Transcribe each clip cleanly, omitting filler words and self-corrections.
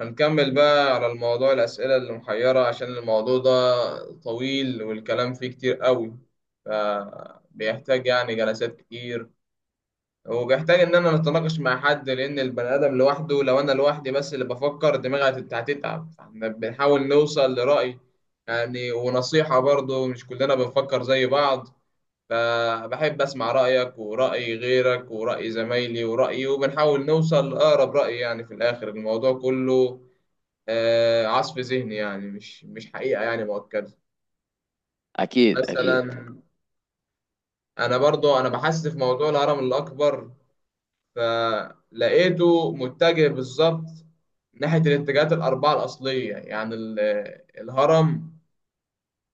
هنكمل بقى على الموضوع الأسئلة اللي محيرة عشان الموضوع ده طويل والكلام فيه كتير قوي فبيحتاج يعني جلسات كتير وبيحتاج إن أنا نتناقش مع حد لأن البني آدم لوحده لو أنا لوحدي بس اللي بفكر دماغي هتتعب فاحنا بنحاول نوصل لرأي يعني ونصيحة برضه مش كلنا بنفكر زي بعض فبحب أسمع رأيك ورأي غيرك ورأي زمايلي ورأيي وبنحاول نوصل لأقرب رأي يعني في الآخر الموضوع كله. عصف ذهني يعني مش حقيقة يعني مؤكدة. اكيد. مثلا أنا برضو بحثت في موضوع الهرم الأكبر فلقيته متجه بالظبط ناحية الاتجاهات الأربعة الأصلية يعني الهرم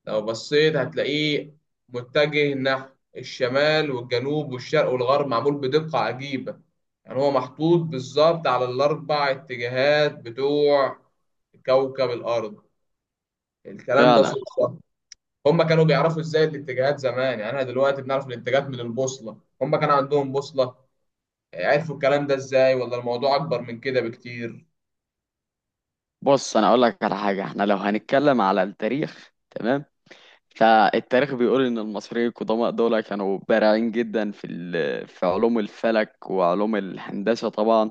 لو بصيت هتلاقيه متجه نحو الشمال والجنوب والشرق والغرب، معمول بدقة عجيبة. يعني هو محطوط بالظبط على الأربع اتجاهات بتوع كوكب الأرض. الكلام ده فعلا. صدفة؟ هم كانوا بيعرفوا ازاي الاتجاهات زمان؟ يعني احنا دلوقتي بنعرف الاتجاهات من البوصلة، هم كان عندهم بوصلة؟ عرفوا الكلام ده ازاي ولا الموضوع اكبر من كده بكتير؟ بص، انا اقول لك على حاجه، احنا لو هنتكلم على التاريخ، تمام؟ فالتاريخ بيقول ان المصريين القدماء دول كانوا بارعين جدا في علوم الفلك وعلوم الهندسه طبعا.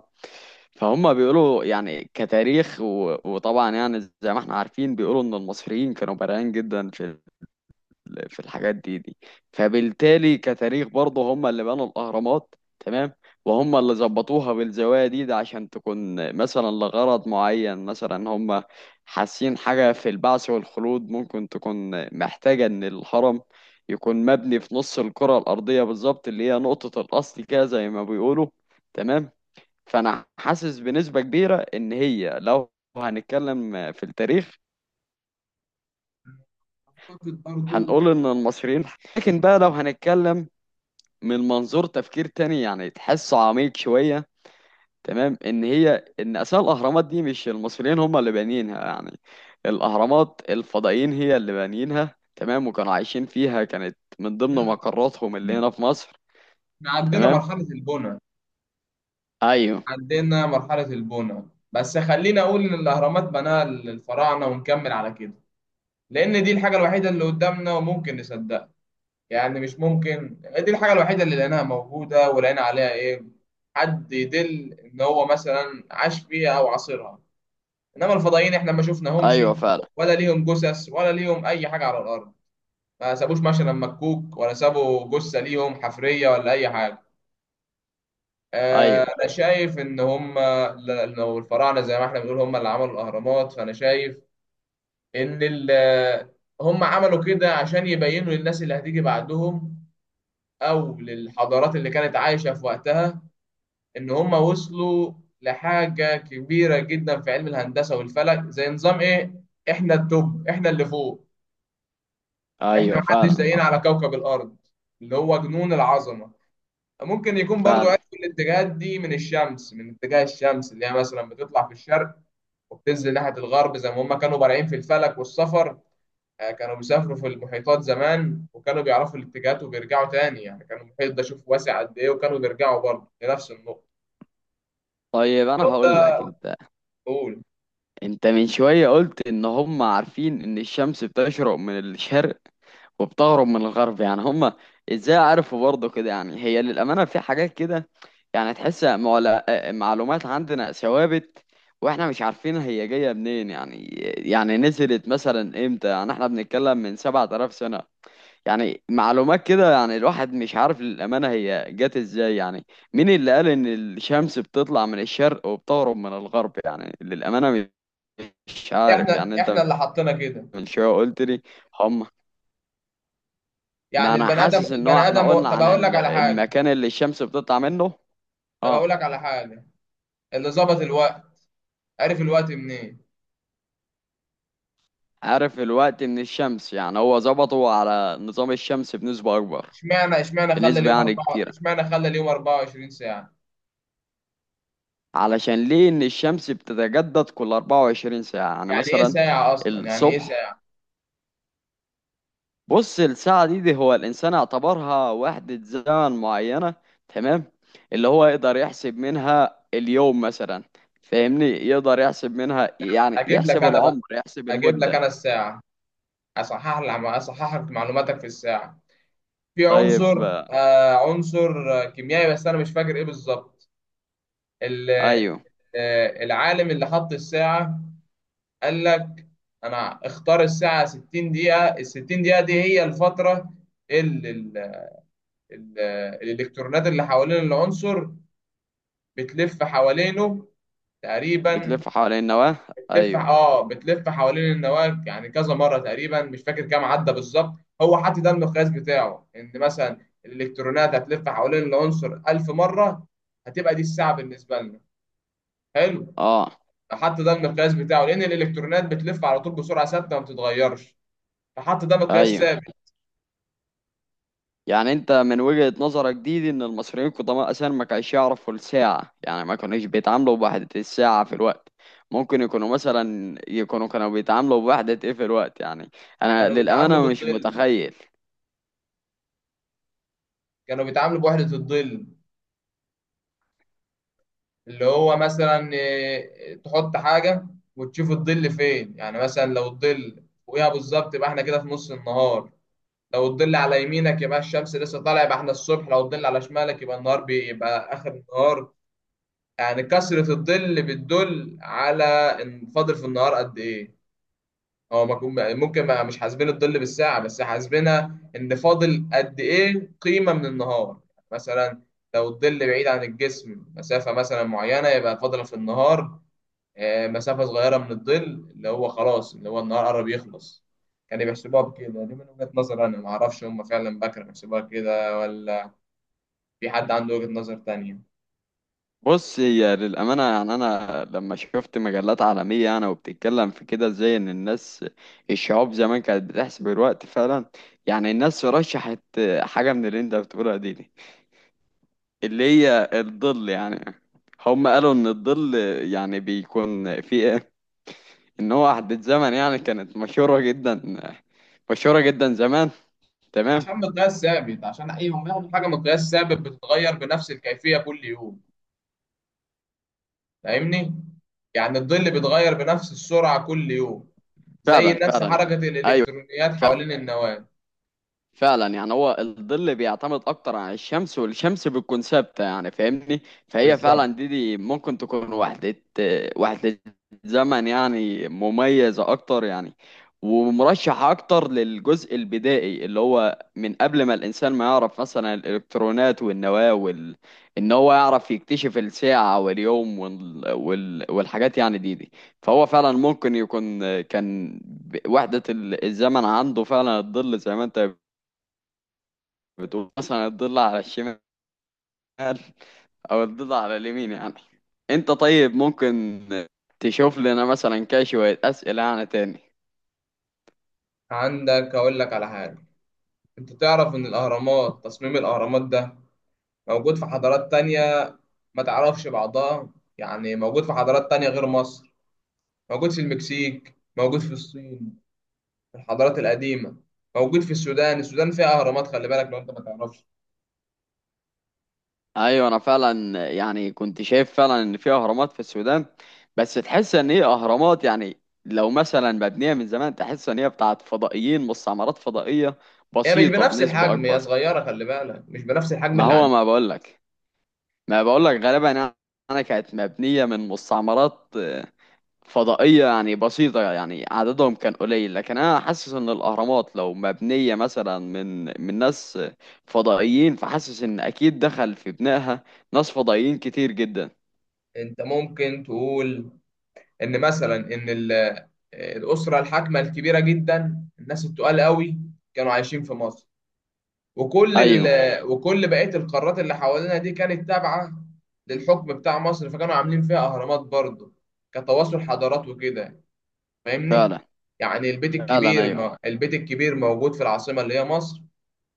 فهم بيقولوا يعني كتاريخ وطبعا يعني زي ما احنا عارفين بيقولوا ان المصريين كانوا بارعين جدا في في الحاجات دي دي. فبالتالي كتاريخ برضه هم اللي بنوا الأهرامات، تمام؟ وهم اللي ظبطوها بالزوائد دي عشان تكون مثلا لغرض معين، مثلا هم حاسين حاجة في البعث والخلود، ممكن تكون محتاجة إن الهرم يكون مبني في نص الكرة الأرضية بالظبط، اللي هي نقطة الأصل كده زي ما بيقولوا، تمام؟ فأنا حاسس بنسبة كبيرة إن هي لو هنتكلم في التاريخ اعتقد برضو. هنقول إن المصريين. لكن بقى لو هنتكلم من منظور تفكير تاني يعني تحسه عميق شوية، تمام، ان هي ان اساس الاهرامات دي مش المصريين هم اللي بانيينها، يعني الاهرامات الفضائيين هي اللي بانيينها، تمام، وكانوا عايشين فيها، كانت من ضمن لا، مقراتهم اللي هنا في مصر. احنا عندنا تمام، مرحلة البناء. ايوه. عندنا مرحلة البناء، بس خلينا اقول ان الاهرامات بناها الفراعنة ونكمل على كده، لان دي الحاجة الوحيدة اللي قدامنا وممكن نصدقها. يعني مش ممكن، دي الحاجة الوحيدة اللي لقيناها موجودة ولقينا عليها ايه، حد يدل ان هو مثلا عاش فيها او عاصرها. انما الفضائيين احنا ما شفناهمش ايوه فعلا. ولا ليهم جثث ولا ليهم اي حاجه على الارض. ما سابوش مثلا مكوك ولا سابوا جثه ليهم حفريه ولا اي حاجه. ايوه. انا شايف ان هم، لو الفراعنه زي ما احنا بنقول هم اللي عملوا الاهرامات، فانا شايف ان هم عملوا كده عشان يبينوا للناس اللي هتيجي بعدهم او للحضارات اللي كانت عايشه في وقتها ان هم وصلوا لحاجه كبيره جدا في علم الهندسه والفلك، زي نظام ايه، احنا التوب، احنا اللي فوق، احنا ايوه محدش فعلا. زينا على كوكب الارض، اللي هو جنون العظمه. ممكن يكون برضو فعلا. عرفوا الاتجاهات دي من الشمس، من اتجاه الشمس اللي هي مثلا بتطلع في الشرق وبتنزل ناحيه الغرب، زي ما هم كانوا بارعين في الفلك والسفر. كانوا بيسافروا في المحيطات زمان وكانوا بيعرفوا الاتجاهات وبيرجعوا تاني. يعني كانوا المحيط ده شوف واسع قد ايه، وكانوا بيرجعوا برضه لنفس النقطه. طيب انا الحوار هقول ده، لك انت، قول. انت من شوية قلت ان هم عارفين ان الشمس بتشرق من الشرق وبتهرب من الغرب، يعني هم ازاي عرفوا برضه كده؟ يعني هي للأمانة في حاجات كده يعني تحس معلومات عندنا ثوابت واحنا مش عارفين هي جاية منين، يعني يعني نزلت مثلا امتى؟ يعني احنا بنتكلم من 7000 سنة. يعني معلومات كده، يعني الواحد مش عارف للأمانة هي جت ازاي يعني. مين اللي قال ان الشمس بتطلع من الشرق وبتغرب من الغرب؟ يعني للأمانة مش عارف احنا يعني. احنا انت اللي حطينا كده. من شوية قلت لي هم. ما يعني انا البني ادم، حاسس ان هو احنا قلنا طب عن اقول لك على حاجه. المكان اللي الشمس بتطلع منه. طب اقول اه. لك على حاجه، اللي ظبط الوقت عارف الوقت منين؟ عارف الوقت من الشمس، يعني هو ظبطه على نظام الشمس بنسبة اكبر، اشمعنى خلى بنسبة اليوم يعني أربعة، كتيرة، اشمعنى خلى اليوم 24 ساعة؟ علشان ليه؟ ان الشمس بتتجدد كل 24 ساعة يعني يعني ايه مثلا ساعة اصلا، يعني ايه الصبح. ساعة؟ بص الساعة دي هو الانسان اعتبرها وحدة زمن معينة، تمام، اللي هو يقدر يحسب منها اليوم مثلا. فاهمني؟ يقدر يحسب منها، يعني اجيب لك يحسب انا بقى، العمر، يحسب اجيب لك المدة. انا الساعة. اصحح لك معلوماتك في الساعة. في طيب. عنصر، كيميائي بس انا مش فاكر ايه بالظبط. ال- ايوه. العالم اللي حط الساعة قال لك انا اختار الساعة 60 دقيقة. ال 60 دقيقة دي هي الفترة اللي ال- الالكترونات اللي حوالين العنصر بتلف حوالينه تقريبا. بتلف حوالين النواة. بتلف، ايوه. اه، بتلف حوالين النواة، يعني كذا مرة تقريبا مش فاكر كام عدى بالظبط. هو حاطط ده المقياس بتاعه ان مثلا الالكترونات هتلف حوالين العنصر 1000 مرة، هتبقى دي الساعة بالنسبة لنا. حلو. اه. فحط ده المقياس بتاعه لان الالكترونات بتلف على طول بسرعة ثابتة ما بتتغيرش، فحط ده مقياس ايوه. ثابت. يعني انت من وجهة نظرك دي ان المصريين القدماء اساسا ما كانش يعرفوا الساعة، يعني ما كانوش بيتعاملوا بوحدة الساعة في الوقت. ممكن يكونوا مثلا يكونوا كانوا بيتعاملوا بوحدة ايه في الوقت يعني؟ انا كانوا بيتعاملوا للأمانة مش بالظل، متخيل. كانوا بيتعاملوا بوحدة الظل. اللي هو مثلا تحط حاجة وتشوف الظل فين. يعني مثلا لو الظل فوقيها بالظبط يبقى احنا كده في نص النهار. لو الظل على يمينك يبقى الشمس لسه طالعة، يبقى احنا الصبح. لو الظل على شمالك يبقى النهار بيبقى آخر النهار. يعني كثرة الظل بتدل على ان فاضل في النهار قد ايه. هو ما كون- ممكن ما مش حاسبين الظل بالساعة، بس حاسبينها ان فاضل قد ايه قيمة من النهار. مثلا لو الظل بعيد عن الجسم مسافة مثلا معينة يبقى فاضلة في النهار. مسافة صغيرة من الظل اللي هو خلاص، اللي هو النهار قرب يخلص. كانوا بيحسبوها بكده. دي من وجهة نظر أنا، معرفش هم فعلا بقى كانوا بيحسبوها كده ولا في حد عنده وجهة نظر تانية. بص هي للأمانة، يعني أنا لما شفت مجلات عالمية أنا وبتتكلم في كده ازاي إن الناس، الشعوب زمان كانت بتحسب الوقت فعلا، يعني الناس رشحت حاجة من اللي أنت بتقولها دي. اللي هي الظل يعني. هم قالوا ان الظل يعني بيكون في إيه؟ ان هو وحدة زمن يعني، كانت مشهورة جدا، مشهورة جدا زمان، تمام. عشان مقياس ثابت، عشان أي هم ياخدوا حاجة مقياس ثابت بتتغير بنفس الكيفية كل يوم. فاهمني؟ يعني الظل بيتغير بنفس السرعة كل يوم، زي فعلا نفس فعلا يعني. حركة ايوه الإلكترونيات حوالين النواة. فعلا، يعني هو الظل بيعتمد اكتر على الشمس، والشمس بتكون ثابته يعني. فاهمني؟ فهي فعلا بالظبط. دي ممكن تكون وحده، وحده زمن يعني مميزه اكتر يعني، ومرشحه اكتر للجزء البدائي اللي هو من قبل ما الانسان ما يعرف مثلا الالكترونات والنواه وال... ان هو يعرف يكتشف الساعه واليوم وال... وال... والحاجات يعني دي دي. فهو فعلا ممكن يكون كان وحده الزمن عنده فعلا الظل، زي ما انت بتقول مثلا الضلع على الشمال او الضلع على اليمين يعني. انت طيب ممكن تشوف لنا مثلا كده شوية اسئلة يعني تاني؟ عندك، أقول لك على حاجة. أنت تعرف إن الأهرامات، تصميم الأهرامات ده موجود في حضارات تانية ما تعرفش بعضها؟ يعني موجود في حضارات تانية غير مصر. موجود في المكسيك، موجود في الصين، في الحضارات القديمة. موجود في السودان، السودان فيها أهرامات، خلي بالك لو أنت ما تعرفش. ايوه انا فعلا، يعني كنت شايف فعلا ان في اهرامات في السودان، بس تحس ان هي اهرامات يعني لو مثلا مبنية من زمان، تحس ان هي بتاعت فضائيين، مستعمرات فضائية هي مش بسيطة بنفس بنسبة الحجم، هي اكبر. صغيرة، خلي بالك مش بنفس الحجم ما اللي هو عندنا. ما بقولك، ما يعني بقولك غالبا يعني. انا كانت مبنية من مستعمرات فضائية يعني بسيطة، يعني عددهم كان قليل، لكن أنا حاسس إن الأهرامات لو مبنية مثلا من من ناس فضائيين، فحاسس إن أكيد دخل في بنائها ناس فضائيين كتير جدا. أنت ممكن تقول إن مثلا إن الأسرة الحاكمة الكبيرة جدا، الناس التقال قوي، كانوا عايشين في مصر، وكل أيوه وكل بقية القارات اللي حوالينا دي كانت تابعة للحكم بتاع مصر، فكانوا عاملين فيها أهرامات برضه كتواصل حضارات وكده. فاهمني؟ فعلا. يعني البيت فعلا الكبير أيوه. ما... البيت الكبير موجود في العاصمة اللي هي مصر،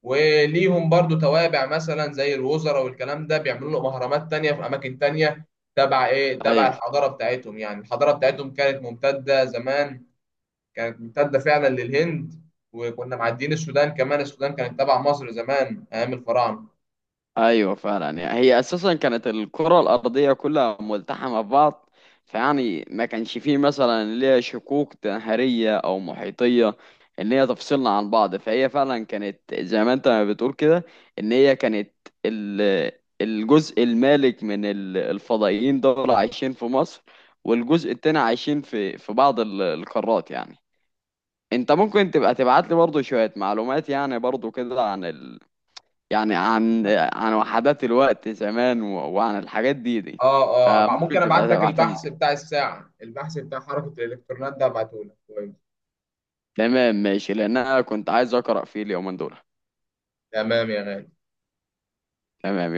وليهم برضه توابع مثلا زي الوزراء والكلام ده بيعملوا لهم أهرامات تانية في أماكن تانية. تبع إيه؟ تبع أيوه. الحضارة بتاعتهم. يعني الحضارة بتاعتهم كانت ممتدة زمان، كانت ممتدة فعلا للهند، وكنا معديين السودان كمان، السودان كانت تبع مصر زمان أيام الفراعنة. ايوه فعلا، يعني هي اساسا كانت الكره الارضيه كلها ملتحمه ببعض، فيعني ما كانش فيه مثلا اللي هي شقوق نهريه او محيطيه ان هي تفصلنا عن بعض. فهي فعلا كانت زي ما انت ما بتقول كده، ان هي كانت ال- الجزء المالك من الفضائيين دول عايشين في مصر، والجزء التاني عايشين في في بعض القارات يعني. انت ممكن تبقى تبعت لي برضه شويه معلومات يعني برضه كده عن، يعني عن عن وحدات الوقت زمان و... وعن الحاجات دي دي؟ فممكن ممكن تبقى ابعت لك تبعتهم البحث لي. بتاع الساعة، البحث بتاع حركة الالكترونات ده ابعته لك كويس. تمام ماشي، لان انا كنت عايز اقرا فيه اليومين دول. تمام يا غالي. تمام.